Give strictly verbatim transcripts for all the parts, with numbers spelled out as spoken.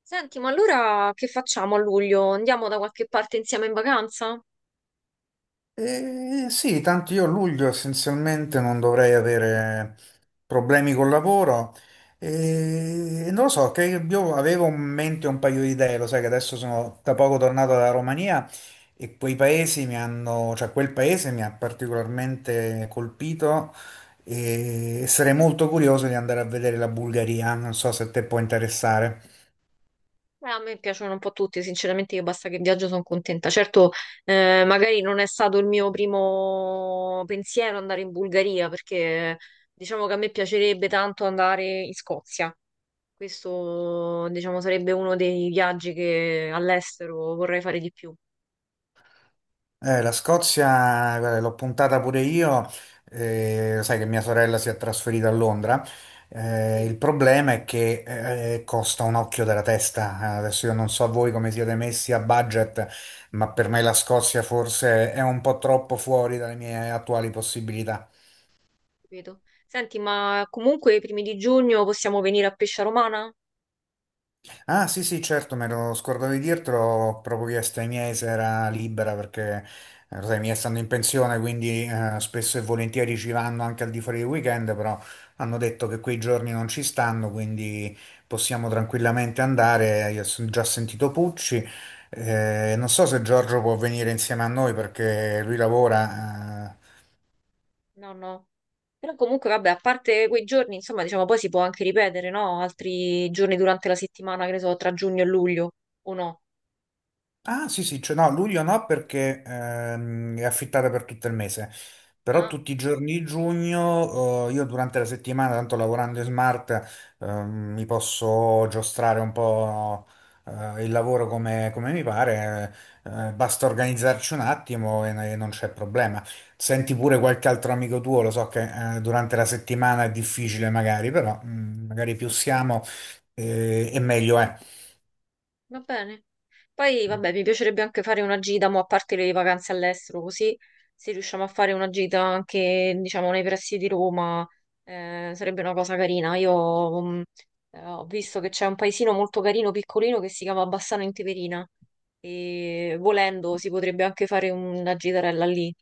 Senti, ma allora che facciamo a luglio? Andiamo da qualche parte insieme in vacanza? Eh, sì, tanto io a luglio essenzialmente non dovrei avere problemi col lavoro e non lo so, che io avevo in mente un paio di idee, lo sai che adesso sono da poco tornato dalla Romania e quei paesi mi hanno, cioè quel paese mi ha particolarmente colpito e sarei molto curioso di andare a vedere la Bulgaria, non so se te può interessare. Eh, a me piacciono un po' tutti, sinceramente io basta che viaggio sono contenta. Certo, eh, magari non è stato il mio primo pensiero andare in Bulgaria, perché diciamo che a me piacerebbe tanto andare in Scozia. Questo, diciamo, sarebbe uno dei viaggi che all'estero vorrei fare di più. Eh, la Scozia, guarda, l'ho puntata pure io, eh, sai che mia sorella si è trasferita a Londra, eh, Sì, il problema è che eh, costa un occhio della testa. Eh, adesso io non so voi come siete messi a budget, ma per me la Scozia forse è un po' troppo fuori dalle mie attuali possibilità. capito. Senti, ma comunque i primi di giugno possiamo venire a Pescia Romana? Ah, sì, sì, certo, me lo scordavo di dirtelo, proprio chiesto ai miei se era libera perché eh, lo sai, i miei stanno in pensione, quindi eh, spesso e volentieri ci vanno anche al di fuori del weekend, però hanno detto che quei giorni non ci stanno, quindi possiamo tranquillamente andare. Io ho già sentito Pucci, eh, non so se Giorgio può venire insieme a noi perché lui lavora. eh, No, no. Però comunque, vabbè, a parte quei giorni, insomma, diciamo, poi si può anche ripetere, no? Altri giorni durante la settimana, che ne so, tra giugno e luglio, o no? Ah, sì, sì, cioè no, luglio no perché ehm, è affittata per tutto il mese, però Ah, tutti i giorni di giugno eh, io durante la settimana, tanto lavorando in smart, ehm, mi posso giostrare un po' eh, il lavoro come, come mi pare, eh, basta organizzarci un attimo e, e non c'è problema. Senti pure qualche altro amico tuo, lo so che eh, durante la settimana è difficile magari, però mm, magari più siamo eh, e meglio è. va bene. Poi, vabbè, mi piacerebbe anche fare una gita, mo, a parte le vacanze all'estero, così se riusciamo a fare una gita anche, diciamo, nei pressi di Roma, eh, sarebbe una cosa carina. Io, mh, eh, ho visto che c'è un paesino molto carino, piccolino, che si chiama Bassano in Teverina, e volendo si potrebbe anche fare una gitarella lì.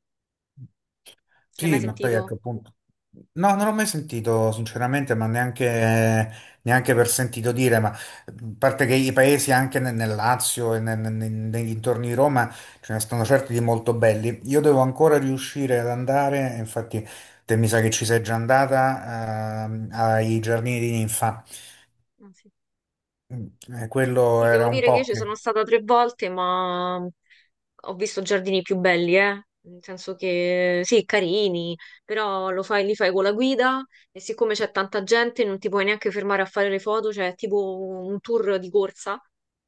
L'hai Sì, mai ma poi sentito? ecco appunto. No, non l'ho mai sentito sinceramente, ma neanche, neanche per sentito dire, ma mhmm, a parte che i paesi anche nel, nel Lazio e nel- nel- nel- nei dintorni di Roma ce ne stanno certi di molto belli. Io devo ancora riuscire ad andare, infatti te mi sa che ci sei già andata, ehm, ai Giardini di Ninfa. Ah, sì. Mm, eh, quello Sì, devo era un dire che io po' ci sono che. stata tre volte, ma ho visto giardini più belli, eh. Nel senso che sì, carini, però lo fai, li fai con la guida e siccome c'è tanta gente non ti puoi neanche fermare a fare le foto, cioè è tipo un tour di corsa.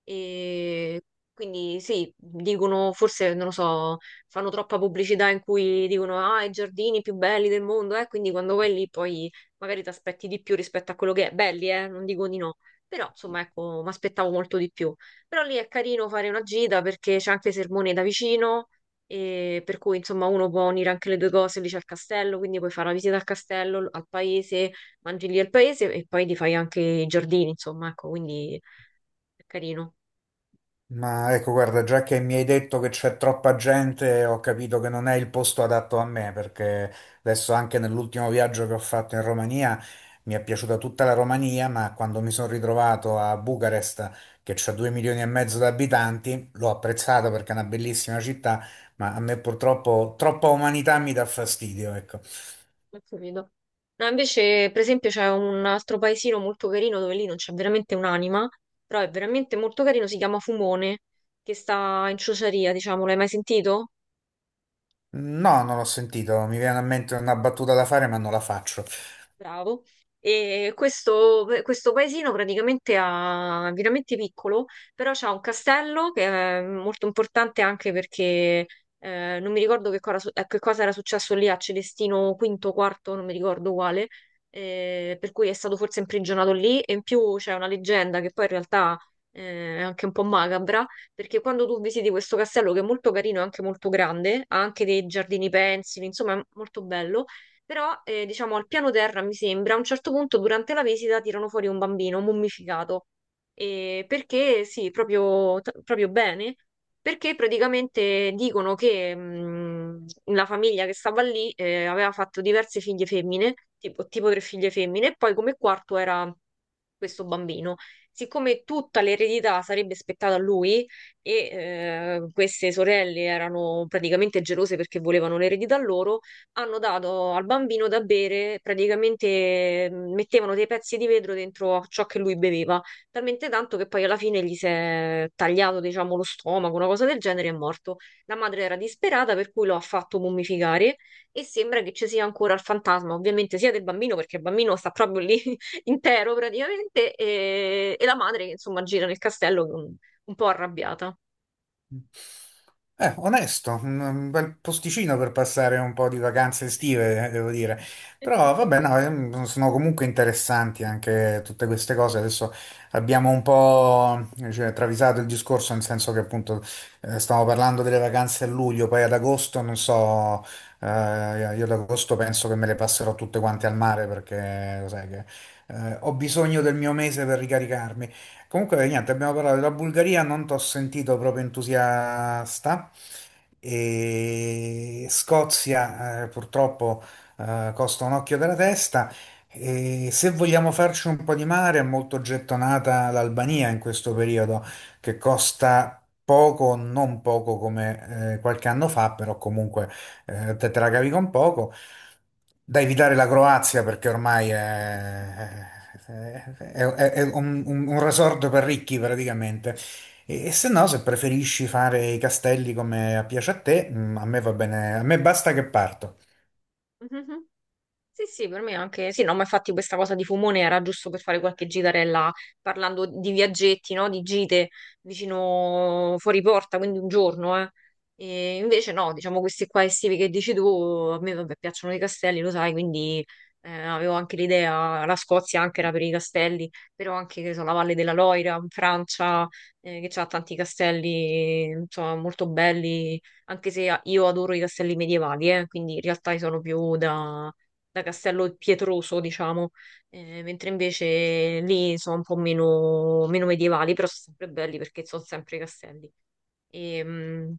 E quindi sì, dicono, forse non lo so, fanno troppa pubblicità in cui dicono ah, i giardini più belli del mondo, eh. Quindi quando vai lì poi magari ti aspetti di più rispetto a quello che è belli, eh, non dico di no però, insomma, ecco, mi aspettavo molto di più. Però lì è carino fare una gita perché c'è anche Sermone da vicino, e per cui, insomma, uno può unire anche le due cose. Lì c'è il castello, quindi puoi fare la visita al castello, al paese, mangi lì al paese e poi ti fai anche i giardini, insomma, ecco, quindi è carino. Ma ecco, guarda, già che mi hai detto che c'è troppa gente, ho capito che non è il posto adatto a me, perché adesso anche nell'ultimo viaggio che ho fatto in Romania mi è piaciuta tutta la Romania, ma quando mi sono ritrovato a Bucarest, che c'ha due milioni e mezzo di abitanti, l'ho apprezzata perché è una bellissima città, ma a me purtroppo troppa umanità mi dà fastidio, ecco. Ho capito. No, invece, per esempio, c'è un altro paesino molto carino dove lì non c'è veramente un'anima, però è veramente molto carino, si chiama Fumone, che sta in Ciociaria, diciamo, l'hai mai sentito? No, non l'ho sentito, mi viene a mente una battuta da fare, ma non la faccio. Bravo. E questo, questo paesino praticamente ha, è veramente piccolo, però c'ha un castello che è molto importante anche perché eh, non mi ricordo che cosa, eh, che cosa era successo lì a Celestino V, quarto, non mi ricordo quale, eh, per cui è stato forse imprigionato lì e in più c'è una leggenda che poi in realtà eh, è anche un po' macabra, perché quando tu visiti questo castello che è molto carino e anche molto grande, ha anche dei giardini pensili, insomma è molto bello però, eh, diciamo, al piano terra, mi sembra, a un certo punto durante la visita tirano fuori un bambino mummificato. E perché, sì, proprio, t- proprio bene, perché praticamente dicono che mh, la famiglia che stava lì eh, aveva fatto diverse figlie femmine, tipo, tipo tre figlie femmine, e poi come quarto era questo bambino. Siccome tutta l'eredità sarebbe spettata a lui e eh, queste sorelle erano praticamente gelose perché volevano l'eredità loro, hanno dato al bambino da bere, praticamente mh, mettevano dei pezzi di vetro dentro a ciò che lui beveva, talmente tanto che poi alla fine gli si è tagliato, diciamo, lo stomaco, una cosa del genere, e è morto. La madre era disperata, per cui lo ha fatto mummificare e sembra che ci sia ancora il fantasma, ovviamente sia del bambino, perché il bambino sta proprio lì intero praticamente, e, e la madre che insomma gira nel castello un un po' arrabbiata. Eh, onesto, un un bel posticino per passare un po' di vacanze estive, eh, devo dire. Però vabbè, no, ehm, sono comunque interessanti anche tutte queste cose. Adesso abbiamo un po', cioè, travisato il discorso, nel senso che appunto eh, stiamo parlando delle vacanze a luglio, poi ad agosto, non so, eh, io ad agosto penso che me le passerò tutte quante al mare perché, lo sai che eh, ho bisogno del mio mese per ricaricarmi. Comunque, niente, abbiamo parlato della Bulgaria, non t'ho sentito proprio entusiasta. E Scozia, eh, purtroppo, eh, costa un occhio della testa. E se vogliamo farci un po' di mare, è molto gettonata l'Albania in questo periodo, che costa poco, non poco come eh, qualche anno fa, però comunque eh, te te la cavi con poco, da evitare la Croazia perché ormai è, è- è- è un, un- un resort per ricchi praticamente. E, e se no, se preferisci fare i castelli come piace a te, mm, a me va bene, a me basta che parto. Sì, sì, per me anche, sì, no, ma infatti questa cosa di Fumone era giusto per fare qualche gitarella parlando di viaggetti, no? Di gite vicino fuori porta, quindi un giorno, eh. E invece no, diciamo questi qua estivi che dici tu, a me vabbè, piacciono i castelli, lo sai, quindi eh, avevo anche l'idea, la Scozia anche era per i castelli, però anche, che ne so, la Valle della Loira in Francia, eh, che ha tanti castelli, insomma, molto belli, anche se io adoro i castelli medievali, eh, quindi in realtà io sono più da da Castello Pietroso, diciamo. Eh, mentre invece lì sono un po' meno, meno medievali, però sono sempre belli perché sono sempre castelli. E, mm,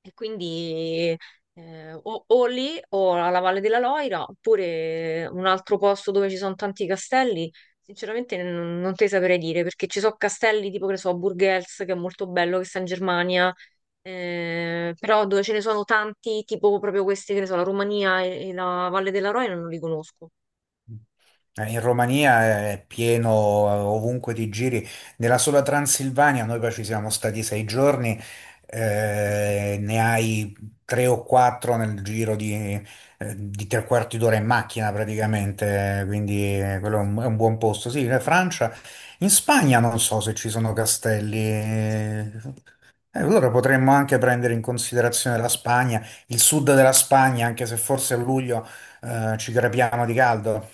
e quindi eh, o, o lì o alla Valle della Loira, oppure un altro posto dove ci sono tanti castelli. Sinceramente non, non te saprei dire perché ci sono castelli tipo che ne so, a Burgels che è molto bello, che sta in Germania, eh, però dove ce ne sono tanti, tipo proprio questi che ne so, la Romania e, e la Valle della Roina non li conosco. Eh, In Romania è pieno, eh, ovunque ti giri. Nella sola Transilvania noi poi ci siamo stati sei giorni, eh, ne hai tre o quattro nel giro di, eh, di tre quarti d'ora in macchina praticamente, quindi eh, quello è un, è un buon posto. Sì, in Francia, in Spagna non so se ci sono castelli. Eh, eh, allora potremmo anche prendere in considerazione la Spagna, il sud della Spagna, anche se forse a luglio, eh, ci crepiamo di caldo.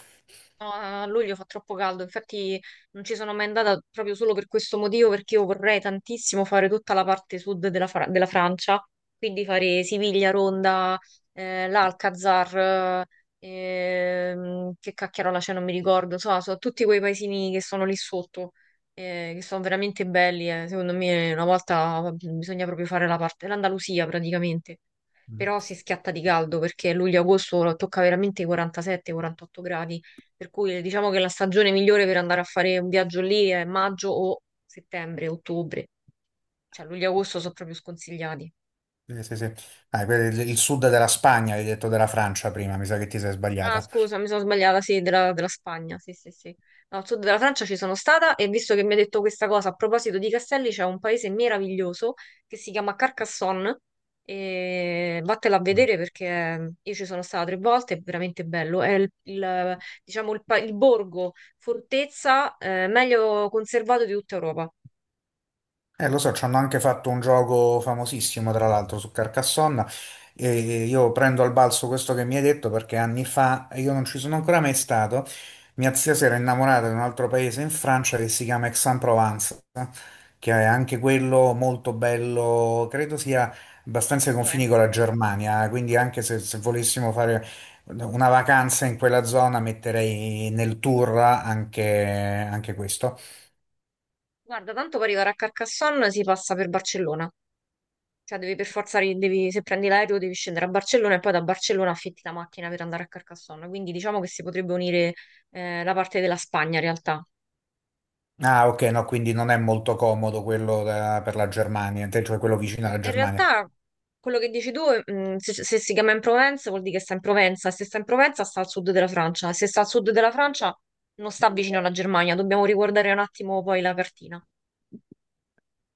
No, a luglio fa troppo caldo, infatti non ci sono mai andata proprio solo per questo motivo, perché io vorrei tantissimo fare tutta la parte sud della, Fra- della Francia, quindi fare Siviglia, Ronda, eh, l'Alcazar, ehm, che cacchiarola c'è, non mi ricordo, insomma, sono tutti quei paesini che sono lì sotto, eh, che sono veramente belli, eh. Secondo me una volta bisogna proprio fare la parte, l'Andalusia praticamente però si schiatta di caldo perché luglio-agosto tocca veramente i quarantasette quarantotto gradi, per cui diciamo che la stagione migliore per andare a fare un viaggio lì è maggio o settembre, ottobre, cioè luglio-agosto sono proprio sconsigliati. Sì, sì, sì. Ah, per il, il sud della Spagna, hai detto della Francia prima, mi sa che ti sei Ah, sbagliata. scusa, mi sono sbagliata, sì, della, della Spagna, sì, sì, sì. No, al sud della Francia ci sono stata e visto che mi ha detto questa cosa, a proposito di castelli, c'è un paese meraviglioso che si chiama Carcassonne e vattela a Mm. vedere perché io ci sono stata tre volte, è veramente bello. È il, il, diciamo, il, pa- il borgo, fortezza, eh, meglio conservato di tutta Europa. Eh, lo so, ci hanno anche fatto un gioco famosissimo, tra Sì, l'altro, su Carcassonne. E io prendo al balzo questo che mi hai detto perché anni fa, e io non ci sono ancora mai stato, mia zia si era innamorata di un altro paese in Francia che si chiama Aix-en-Provence, che è anche quello molto bello, credo sia abbastanza ai lo confini con penso. la Germania, quindi anche se, se volessimo fare una vacanza in quella zona metterei nel tour anche, anche questo. Guarda, tanto per arrivare a Carcassonne si passa per Barcellona. Cioè, devi per forza, ri- devi- se prendi l'aereo, devi scendere a Barcellona e poi da Barcellona affitti la macchina per andare a Carcassonne. Quindi diciamo che si potrebbe unire eh, la parte della Spagna in realtà. Ah, ok, no, quindi non è molto comodo quello da- per la Germania, te- cioè quello vicino alla In Germania. realtà, quello che dici tu, mh, se, se si chiama in Provenza vuol dire che sta in Provenza, se sta in Provenza sta al sud della Francia, se sta al sud della Francia non sta vicino alla Germania. Dobbiamo riguardare un attimo poi la cartina.